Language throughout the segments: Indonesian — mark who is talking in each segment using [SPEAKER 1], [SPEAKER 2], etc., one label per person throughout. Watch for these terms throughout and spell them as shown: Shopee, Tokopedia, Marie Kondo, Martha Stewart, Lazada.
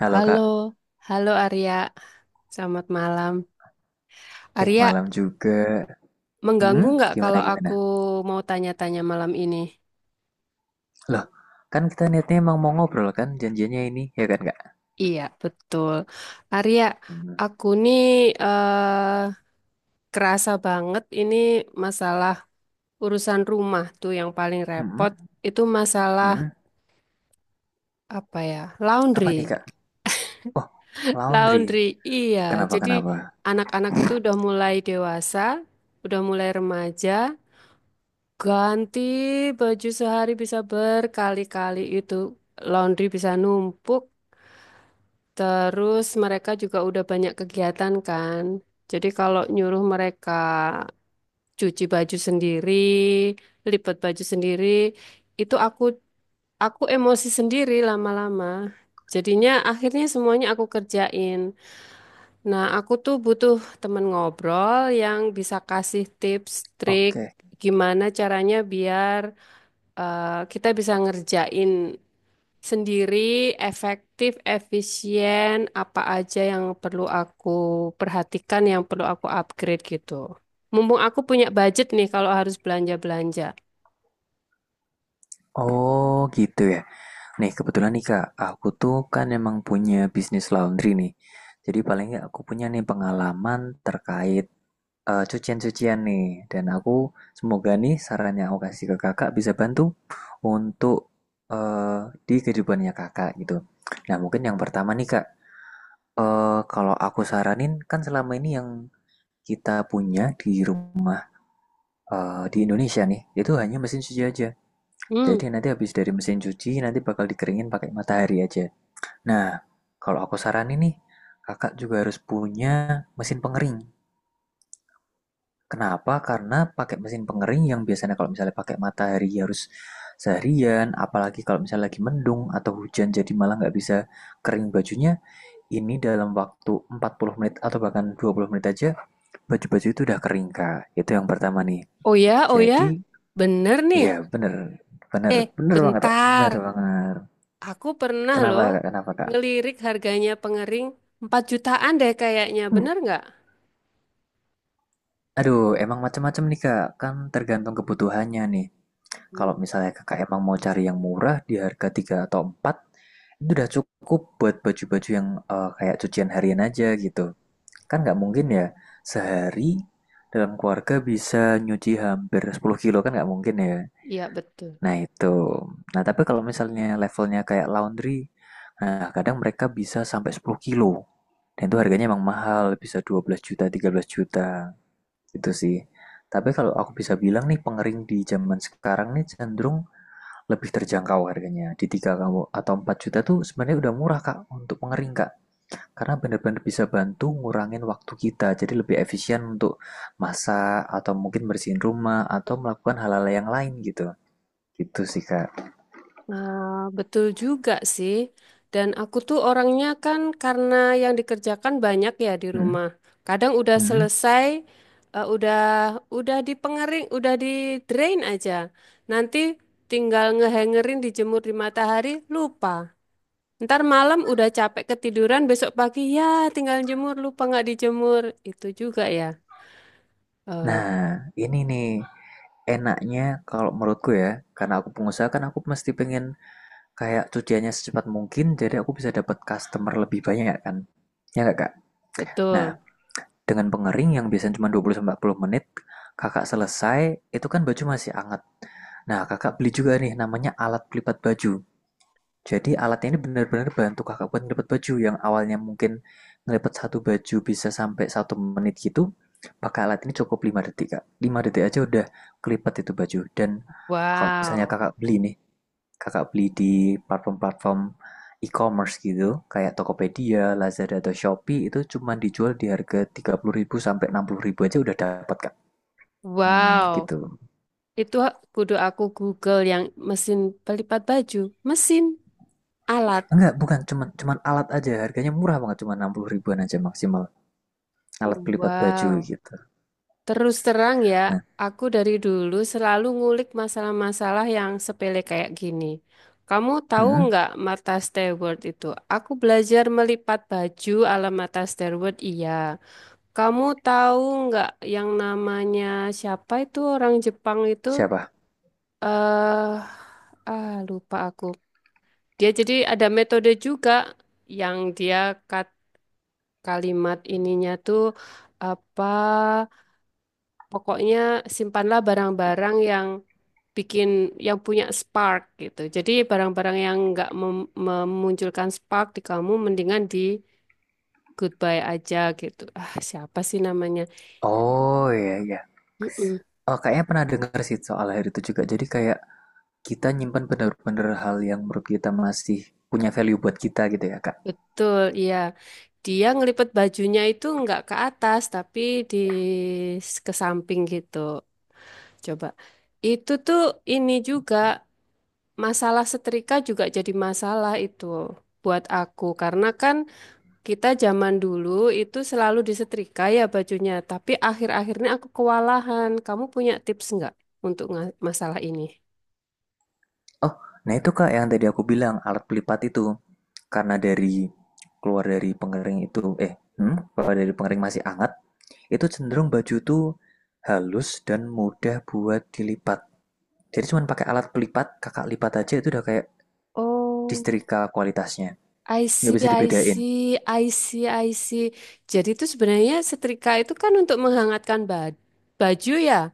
[SPEAKER 1] Halo
[SPEAKER 2] Halo,
[SPEAKER 1] Kak,
[SPEAKER 2] halo Arya. Selamat malam. Arya,
[SPEAKER 1] malam juga.
[SPEAKER 2] mengganggu
[SPEAKER 1] Hmm,
[SPEAKER 2] nggak
[SPEAKER 1] gimana
[SPEAKER 2] kalau
[SPEAKER 1] gimana?
[SPEAKER 2] aku mau tanya-tanya malam ini?
[SPEAKER 1] Loh, kan kita niatnya emang mau ngobrol kan janjiannya ini, ya kan Kak?
[SPEAKER 2] Iya, betul. Arya,
[SPEAKER 1] Hmm,
[SPEAKER 2] aku nih eh, kerasa banget ini masalah urusan rumah tuh yang paling repot.
[SPEAKER 1] hmm,
[SPEAKER 2] Itu masalah
[SPEAKER 1] hmm.
[SPEAKER 2] apa ya?
[SPEAKER 1] Apa
[SPEAKER 2] Laundry.
[SPEAKER 1] nih Kak? Oh, laundry.
[SPEAKER 2] Laundry, iya.
[SPEAKER 1] Kenapa
[SPEAKER 2] Jadi
[SPEAKER 1] kenapa?
[SPEAKER 2] anak-anak itu udah mulai dewasa, udah mulai remaja. Ganti baju sehari bisa berkali-kali itu. Laundry bisa numpuk, terus mereka juga udah banyak kegiatan kan. Jadi kalau nyuruh mereka cuci baju sendiri, lipat baju sendiri, itu aku emosi sendiri lama-lama. Jadinya akhirnya semuanya aku kerjain. Nah, aku tuh butuh temen ngobrol yang bisa kasih tips, trik
[SPEAKER 1] Oke.
[SPEAKER 2] gimana caranya biar kita bisa ngerjain sendiri, efektif, efisien, apa aja yang perlu aku perhatikan, yang perlu aku upgrade gitu. Mumpung aku punya budget nih kalau harus belanja-belanja.
[SPEAKER 1] Oh, gitu ya. Nih, kebetulan nih Kak, aku tuh kan emang punya bisnis laundry nih. Jadi paling nggak aku punya nih pengalaman terkait cucian-cucian nih. Dan aku semoga nih saran yang aku kasih ke kakak bisa bantu untuk eh, di kehidupannya kakak gitu. Nah mungkin yang pertama nih kak, kalau aku saranin kan selama ini yang kita punya di rumah di Indonesia nih, itu hanya mesin cuci aja.
[SPEAKER 2] Hmm,
[SPEAKER 1] Jadi nanti habis dari mesin cuci nanti bakal dikeringin pakai matahari aja. Nah kalau aku saranin nih, kakak juga harus punya mesin pengering. Kenapa? Karena pakai mesin pengering yang biasanya kalau misalnya pakai matahari harus seharian, apalagi kalau misalnya lagi mendung atau hujan jadi malah nggak bisa kering bajunya, ini dalam waktu 40 menit atau bahkan 20 menit aja, baju-baju itu udah kering, Kak. Itu yang pertama nih.
[SPEAKER 2] oh ya, oh ya,
[SPEAKER 1] Jadi,
[SPEAKER 2] bener nih.
[SPEAKER 1] ya bener, bener,
[SPEAKER 2] Eh,
[SPEAKER 1] bener banget, Kak. Bener
[SPEAKER 2] Bentar.
[SPEAKER 1] banget.
[SPEAKER 2] Aku pernah
[SPEAKER 1] Kenapa,
[SPEAKER 2] loh
[SPEAKER 1] Kak? Kenapa, Kak?
[SPEAKER 2] ngelirik harganya pengering 4 jutaan deh kayaknya, bener nggak?
[SPEAKER 1] Aduh, emang macam-macam nih, Kak. Kan tergantung kebutuhannya nih. Kalau
[SPEAKER 2] Hmm,
[SPEAKER 1] misalnya kakak emang mau cari yang murah di harga 3 atau 4 itu udah cukup buat baju-baju yang kayak cucian harian aja gitu. Kan nggak mungkin ya sehari dalam keluarga bisa nyuci hampir 10 kilo kan nggak mungkin ya.
[SPEAKER 2] iya, betul.
[SPEAKER 1] Nah itu. Nah tapi kalau misalnya levelnya kayak laundry, nah kadang mereka bisa sampai 10 kilo. Dan itu harganya emang mahal, bisa 12 juta, 13 juta gitu sih. Tapi kalau aku bisa bilang nih pengering di zaman sekarang nih cenderung lebih terjangkau harganya. Di 3 kamu atau 4 juta tuh sebenarnya udah murah Kak untuk mengering Kak. Karena benar-benar bisa bantu ngurangin waktu kita. Jadi lebih efisien untuk masak atau mungkin bersihin rumah atau melakukan hal-hal yang lain gitu. Gitu sih Kak.
[SPEAKER 2] Nah, betul juga sih. Dan aku tuh orangnya kan karena yang dikerjakan banyak ya di
[SPEAKER 1] Hmm,
[SPEAKER 2] rumah. Kadang udah
[SPEAKER 1] hmm.
[SPEAKER 2] selesai, eh, udah udah di pengering, udah di drain aja. Nanti tinggal ngehangerin dijemur di matahari, lupa. Ntar malam udah capek ketiduran, besok pagi ya tinggal jemur, lupa nggak dijemur. Itu juga ya. Eh,
[SPEAKER 1] Nah, ini nih enaknya kalau menurutku ya, karena aku pengusaha kan aku mesti pengen kayak cuciannya secepat mungkin jadi aku bisa dapat customer lebih banyak kan. Ya nggak Kak? Nah,
[SPEAKER 2] betul.
[SPEAKER 1] dengan pengering yang biasanya cuma 20-40 menit, Kakak selesai, itu kan baju masih hangat. Nah, Kakak beli juga nih namanya alat pelipat baju. Jadi alat ini benar-benar bantu Kakak buat ngelipat baju yang awalnya mungkin ngelipat satu baju bisa sampai 1 menit gitu. Pakai alat ini cukup 5 detik, Kak. 5 detik aja udah kelipat itu baju. Dan kalau misalnya
[SPEAKER 2] Wow,
[SPEAKER 1] Kakak beli nih, Kakak beli di platform-platform e-commerce gitu, kayak Tokopedia, Lazada, atau Shopee, itu cuma dijual di harga 30.000 sampai 60.000 aja udah dapat, Kak. Hmm,
[SPEAKER 2] wow.
[SPEAKER 1] gitu.
[SPEAKER 2] Itu kudu aku Google yang mesin pelipat baju, mesin alat.
[SPEAKER 1] Enggak, bukan cuman cuman alat aja, harganya murah banget, cuma 60 ribuan aja maksimal. Alat pelipat baju
[SPEAKER 2] Wow.
[SPEAKER 1] gitu.
[SPEAKER 2] Terus terang ya,
[SPEAKER 1] Nah,
[SPEAKER 2] aku dari dulu selalu ngulik masalah-masalah yang sepele kayak gini. Kamu tahu
[SPEAKER 1] hmm,
[SPEAKER 2] nggak Martha Stewart itu? Aku belajar melipat baju ala Martha Stewart, iya. Kamu tahu nggak yang namanya siapa itu orang Jepang itu?
[SPEAKER 1] siapa?
[SPEAKER 2] Eh, ah lupa aku. Dia jadi ada metode juga yang dia kat- kalimat ininya tuh apa pokoknya simpanlah barang-barang yang bikin yang punya spark gitu. Jadi barang-barang yang nggak memunculkan spark di kamu mendingan di goodbye aja gitu. Ah, siapa sih namanya?
[SPEAKER 1] Oh iya iya.
[SPEAKER 2] Mm-mm,
[SPEAKER 1] Oh, kayaknya pernah dengar sih soal hal itu juga. Jadi kayak kita nyimpan bener-bener hal yang menurut kita masih punya value buat kita gitu ya, Kak.
[SPEAKER 2] betul, iya. Dia ngelipet bajunya itu nggak ke atas tapi di ke samping gitu. Coba. Itu tuh ini juga masalah setrika juga jadi masalah itu buat aku karena kan kita zaman dulu itu selalu disetrika ya bajunya, tapi akhir-akhirnya aku kewalahan. Kamu punya tips nggak untuk masalah ini?
[SPEAKER 1] Oh, nah itu Kak yang tadi aku bilang alat pelipat itu karena dari keluar dari pengering itu eh keluar dari pengering masih hangat itu cenderung baju tuh halus dan mudah buat dilipat. Jadi cuma pakai alat pelipat, kakak lipat aja itu udah kayak
[SPEAKER 2] Oh,
[SPEAKER 1] disetrika kualitasnya.
[SPEAKER 2] I
[SPEAKER 1] Nggak
[SPEAKER 2] see,
[SPEAKER 1] bisa
[SPEAKER 2] I
[SPEAKER 1] dibedain.
[SPEAKER 2] see, I see, I see. Jadi itu sebenarnya setrika itu kan untuk menghangatkan baju ya.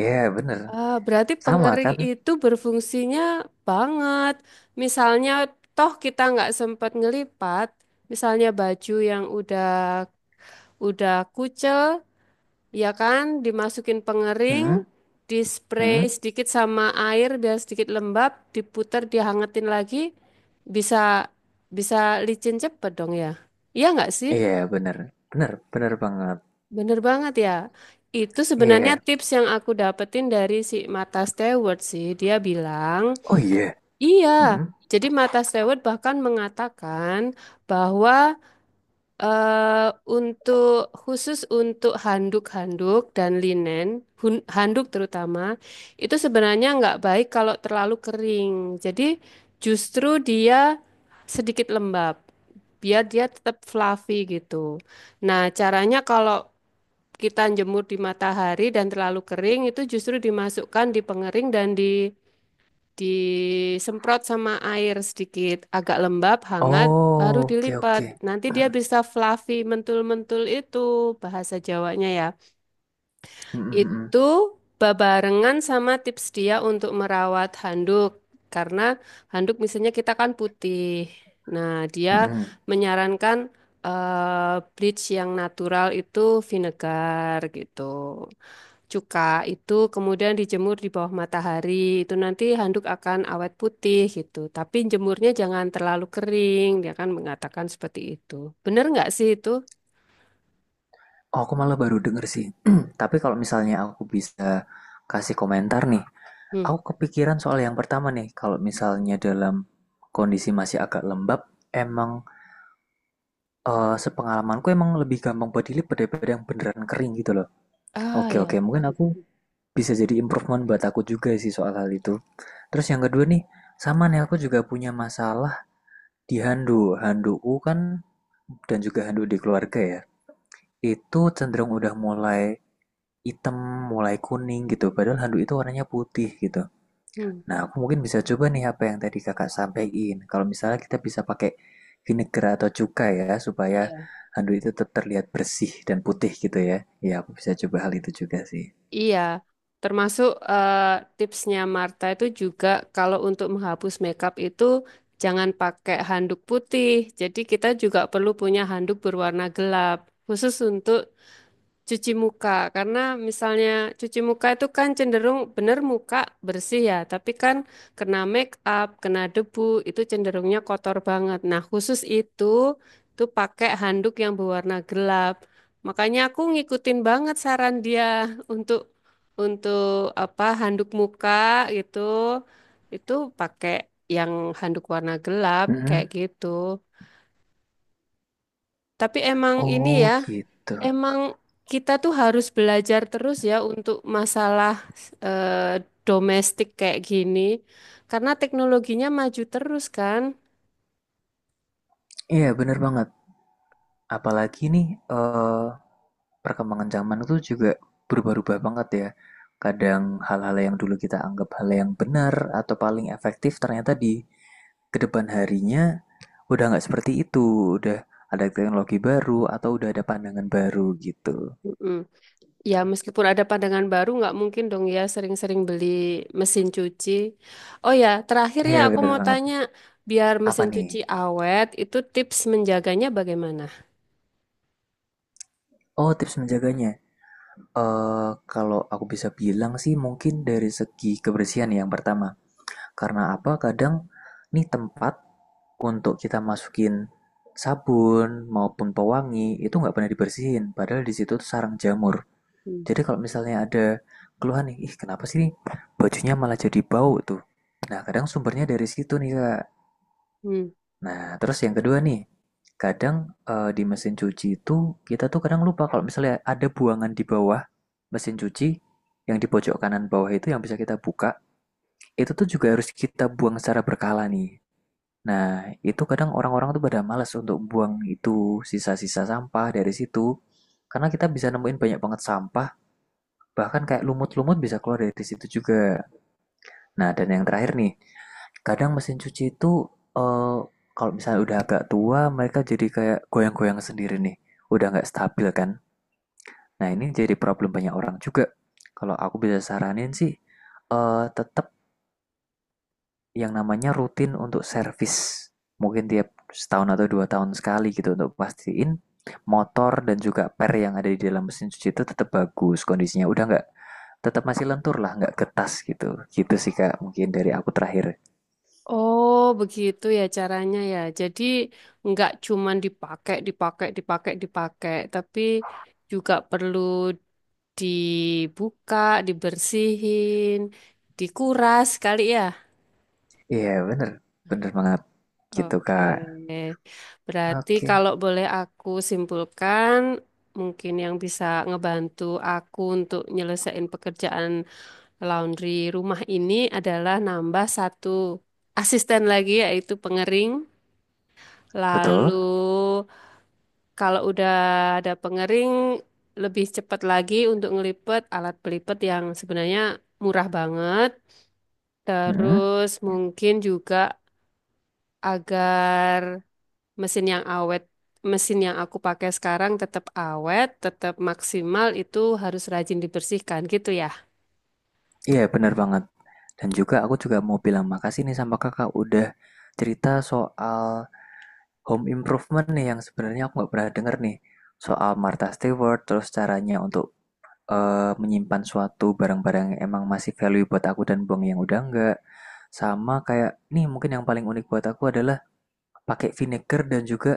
[SPEAKER 1] Iya bener.
[SPEAKER 2] Ah, berarti
[SPEAKER 1] Sama
[SPEAKER 2] pengering
[SPEAKER 1] kan?
[SPEAKER 2] itu berfungsinya banget. Misalnya, toh kita nggak sempat ngelipat, misalnya baju yang udah kucel, ya kan, dimasukin
[SPEAKER 1] Hmm?
[SPEAKER 2] pengering, di spray
[SPEAKER 1] Hmm?
[SPEAKER 2] sedikit sama air biar sedikit lembab, diputer, dihangetin lagi, bisa bisa licin cepet dong ya. Iya nggak sih?
[SPEAKER 1] Iya bener. Bener, bener banget.
[SPEAKER 2] Bener banget ya. Itu sebenarnya
[SPEAKER 1] Iya.
[SPEAKER 2] tips yang aku dapetin dari si Mata Stewart sih. Dia bilang
[SPEAKER 1] Oh iya.
[SPEAKER 2] iya,
[SPEAKER 1] Hmm?
[SPEAKER 2] jadi Mata Stewart bahkan mengatakan bahwa eh, untuk khusus untuk handuk-handuk dan linen, handuk terutama, itu sebenarnya nggak baik kalau terlalu kering. Jadi justru dia sedikit lembab, biar dia tetap fluffy gitu. Nah, caranya kalau kita jemur di matahari dan terlalu kering itu justru dimasukkan di pengering dan disemprot sama air sedikit agak lembab hangat baru
[SPEAKER 1] Oh, oke oke.
[SPEAKER 2] dilipat nanti
[SPEAKER 1] Hmm,
[SPEAKER 2] dia bisa fluffy mentul-mentul itu bahasa Jawanya ya
[SPEAKER 1] hmm, hmm,
[SPEAKER 2] itu babarengan sama tips dia untuk merawat handuk karena handuk misalnya kita kan putih nah dia
[SPEAKER 1] hmm, hmm.
[SPEAKER 2] menyarankan bleach yang natural itu vinegar gitu cuka itu kemudian dijemur di bawah matahari. Itu nanti handuk akan awet putih gitu. Tapi jemurnya jangan terlalu kering. Dia kan mengatakan seperti itu. Bener nggak sih itu?
[SPEAKER 1] Oh, aku malah baru denger sih. Tapi kalau misalnya aku bisa kasih komentar nih,
[SPEAKER 2] Hmm.
[SPEAKER 1] aku kepikiran soal yang pertama nih. Kalau misalnya dalam kondisi masih agak lembab, emang sepengalamanku emang lebih gampang body lip daripada yang beneran kering gitu loh.
[SPEAKER 2] Ah
[SPEAKER 1] Oke oke,
[SPEAKER 2] ya.
[SPEAKER 1] mungkin aku bisa jadi improvement buat aku juga sih soal hal itu. Terus yang kedua nih, sama nih aku juga punya masalah di handuk. Handukku kan dan juga handuk di keluarga ya. Itu cenderung udah mulai hitam, mulai kuning gitu. Padahal handuk itu warnanya putih gitu.
[SPEAKER 2] Hmm.
[SPEAKER 1] Nah, aku mungkin bisa coba nih apa yang tadi kakak sampaikan. Kalau misalnya kita bisa pakai vinegar atau cuka ya, supaya
[SPEAKER 2] Iya.
[SPEAKER 1] handuk itu tetap terlihat bersih dan putih gitu ya. Ya, aku bisa coba hal itu juga sih.
[SPEAKER 2] Iya. Termasuk tipsnya Marta itu juga kalau untuk menghapus makeup itu jangan pakai handuk putih. Jadi kita juga perlu punya handuk berwarna gelap khusus untuk cuci muka, karena misalnya cuci muka itu kan cenderung bener muka bersih ya, tapi kan kena make up, kena debu, itu cenderungnya kotor banget. Nah, khusus itu tuh pakai handuk yang berwarna gelap. Makanya aku ngikutin banget saran dia untuk untuk apa handuk muka gitu, itu pakai yang handuk warna gelap kayak
[SPEAKER 1] Mm-mm.
[SPEAKER 2] gitu. Tapi emang ini
[SPEAKER 1] Oh
[SPEAKER 2] ya,
[SPEAKER 1] gitu.
[SPEAKER 2] emang kita tuh harus belajar terus ya untuk masalah eh, domestik kayak gini, karena teknologinya maju terus kan.
[SPEAKER 1] Iya, bener banget. Apalagi nih, eee, perkembangan zaman itu juga berubah-ubah banget ya. Kadang hal-hal yang dulu kita anggap hal yang benar atau paling efektif ternyata di kedepan harinya udah nggak seperti itu, udah ada teknologi baru atau udah ada pandangan baru gitu.
[SPEAKER 2] Mm-mm. Ya meskipun ada pandangan baru, nggak mungkin dong ya sering-sering beli mesin cuci. Oh ya, terakhir ya
[SPEAKER 1] Iya
[SPEAKER 2] aku
[SPEAKER 1] bener
[SPEAKER 2] mau
[SPEAKER 1] banget.
[SPEAKER 2] tanya, biar
[SPEAKER 1] Apa
[SPEAKER 2] mesin
[SPEAKER 1] nih?
[SPEAKER 2] cuci awet, itu tips menjaganya bagaimana?
[SPEAKER 1] Oh tips menjaganya, kalau aku bisa bilang sih mungkin dari segi kebersihan yang pertama. Karena apa? Kadang nih tempat untuk kita masukin sabun maupun pewangi itu nggak pernah dibersihin. Padahal di situ tuh sarang jamur. Jadi kalau misalnya ada keluhan nih, ih kenapa sih nih bajunya malah jadi bau tuh. Nah kadang sumbernya dari situ nih kak.
[SPEAKER 2] Hmm.
[SPEAKER 1] Nah terus yang kedua nih, kadang di mesin cuci itu kita tuh kadang lupa kalau misalnya ada buangan di bawah mesin cuci yang di pojok kanan bawah itu yang bisa kita buka, itu tuh juga harus kita buang secara berkala nih. Nah, itu kadang orang-orang tuh pada malas untuk buang itu sisa-sisa sampah dari situ. Karena kita bisa nemuin banyak banget sampah, bahkan kayak lumut-lumut bisa keluar dari situ juga. Nah, dan yang terakhir nih, kadang mesin cuci itu eh, kalau misalnya udah agak tua, mereka jadi kayak goyang-goyang sendiri nih. Udah nggak stabil kan? Nah, ini jadi problem banyak orang juga. Kalau aku bisa saranin sih, tetap yang namanya rutin untuk servis. Mungkin tiap setahun atau 2 tahun sekali gitu untuk pastiin motor dan juga per yang ada di dalam mesin cuci itu tetap bagus kondisinya. Udah nggak tetap masih lentur lah, nggak getas gitu. Gitu sih kak, mungkin dari aku terakhir.
[SPEAKER 2] Oh, begitu ya caranya ya. Jadi nggak cuman dipakai, dipakai, dipakai, dipakai, tapi juga perlu dibuka, dibersihin, dikuras kali ya.
[SPEAKER 1] Iya bener, bener banget gitu
[SPEAKER 2] Oke.
[SPEAKER 1] kak.
[SPEAKER 2] Berarti
[SPEAKER 1] Oke.
[SPEAKER 2] kalau boleh aku simpulkan, mungkin yang bisa ngebantu aku untuk nyelesain pekerjaan laundry rumah ini adalah nambah 1 asisten lagi yaitu pengering.
[SPEAKER 1] Betul?
[SPEAKER 2] Lalu kalau udah ada pengering lebih cepat lagi untuk ngelipet alat pelipet yang sebenarnya murah banget.
[SPEAKER 1] Mm.
[SPEAKER 2] Terus mungkin juga agar mesin yang awet, mesin yang aku pakai sekarang tetap awet, tetap maksimal itu harus rajin dibersihkan gitu ya.
[SPEAKER 1] Iya bener banget. Dan juga aku juga mau bilang makasih nih sama kakak udah cerita soal Home Improvement nih yang sebenarnya aku nggak pernah denger nih soal Martha Stewart, terus caranya untuk menyimpan suatu barang-barang yang emang masih value buat aku dan buang yang udah enggak. Sama kayak nih mungkin yang paling unik buat aku adalah pakai vinegar dan juga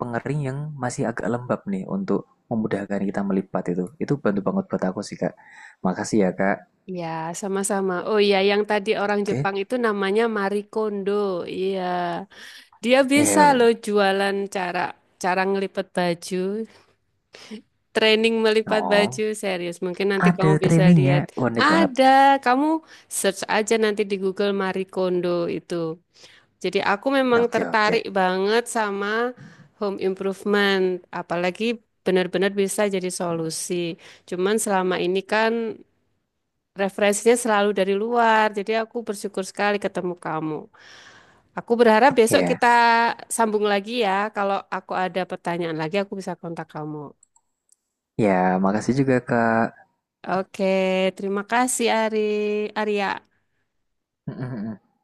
[SPEAKER 1] pengering yang masih agak lembab nih untuk memudahkan kita melipat itu. Itu bantu banget buat aku sih Kak. Makasih ya Kak.
[SPEAKER 2] Ya, sama-sama. Oh iya, yang tadi orang
[SPEAKER 1] Oke.
[SPEAKER 2] Jepang itu namanya Marie Kondo. Iya. Dia bisa loh
[SPEAKER 1] Ya.
[SPEAKER 2] jualan cara cara ngelipet baju. Training melipat
[SPEAKER 1] Oh,
[SPEAKER 2] baju serius. Mungkin nanti
[SPEAKER 1] ada
[SPEAKER 2] kamu bisa lihat.
[SPEAKER 1] trainingnya. Unik banget.
[SPEAKER 2] Ada, kamu search aja nanti di Google Marie Kondo itu. Jadi aku memang
[SPEAKER 1] Oke, oke.
[SPEAKER 2] tertarik banget sama home improvement, apalagi benar-benar bisa jadi solusi. Cuman selama ini kan referensinya selalu dari luar. Jadi aku bersyukur sekali ketemu kamu. Aku berharap besok
[SPEAKER 1] Ya.
[SPEAKER 2] kita sambung lagi ya. Kalau aku ada pertanyaan lagi, aku bisa kontak kamu.
[SPEAKER 1] Ya, makasih juga Kak.
[SPEAKER 2] Oke, terima kasih Ari Arya.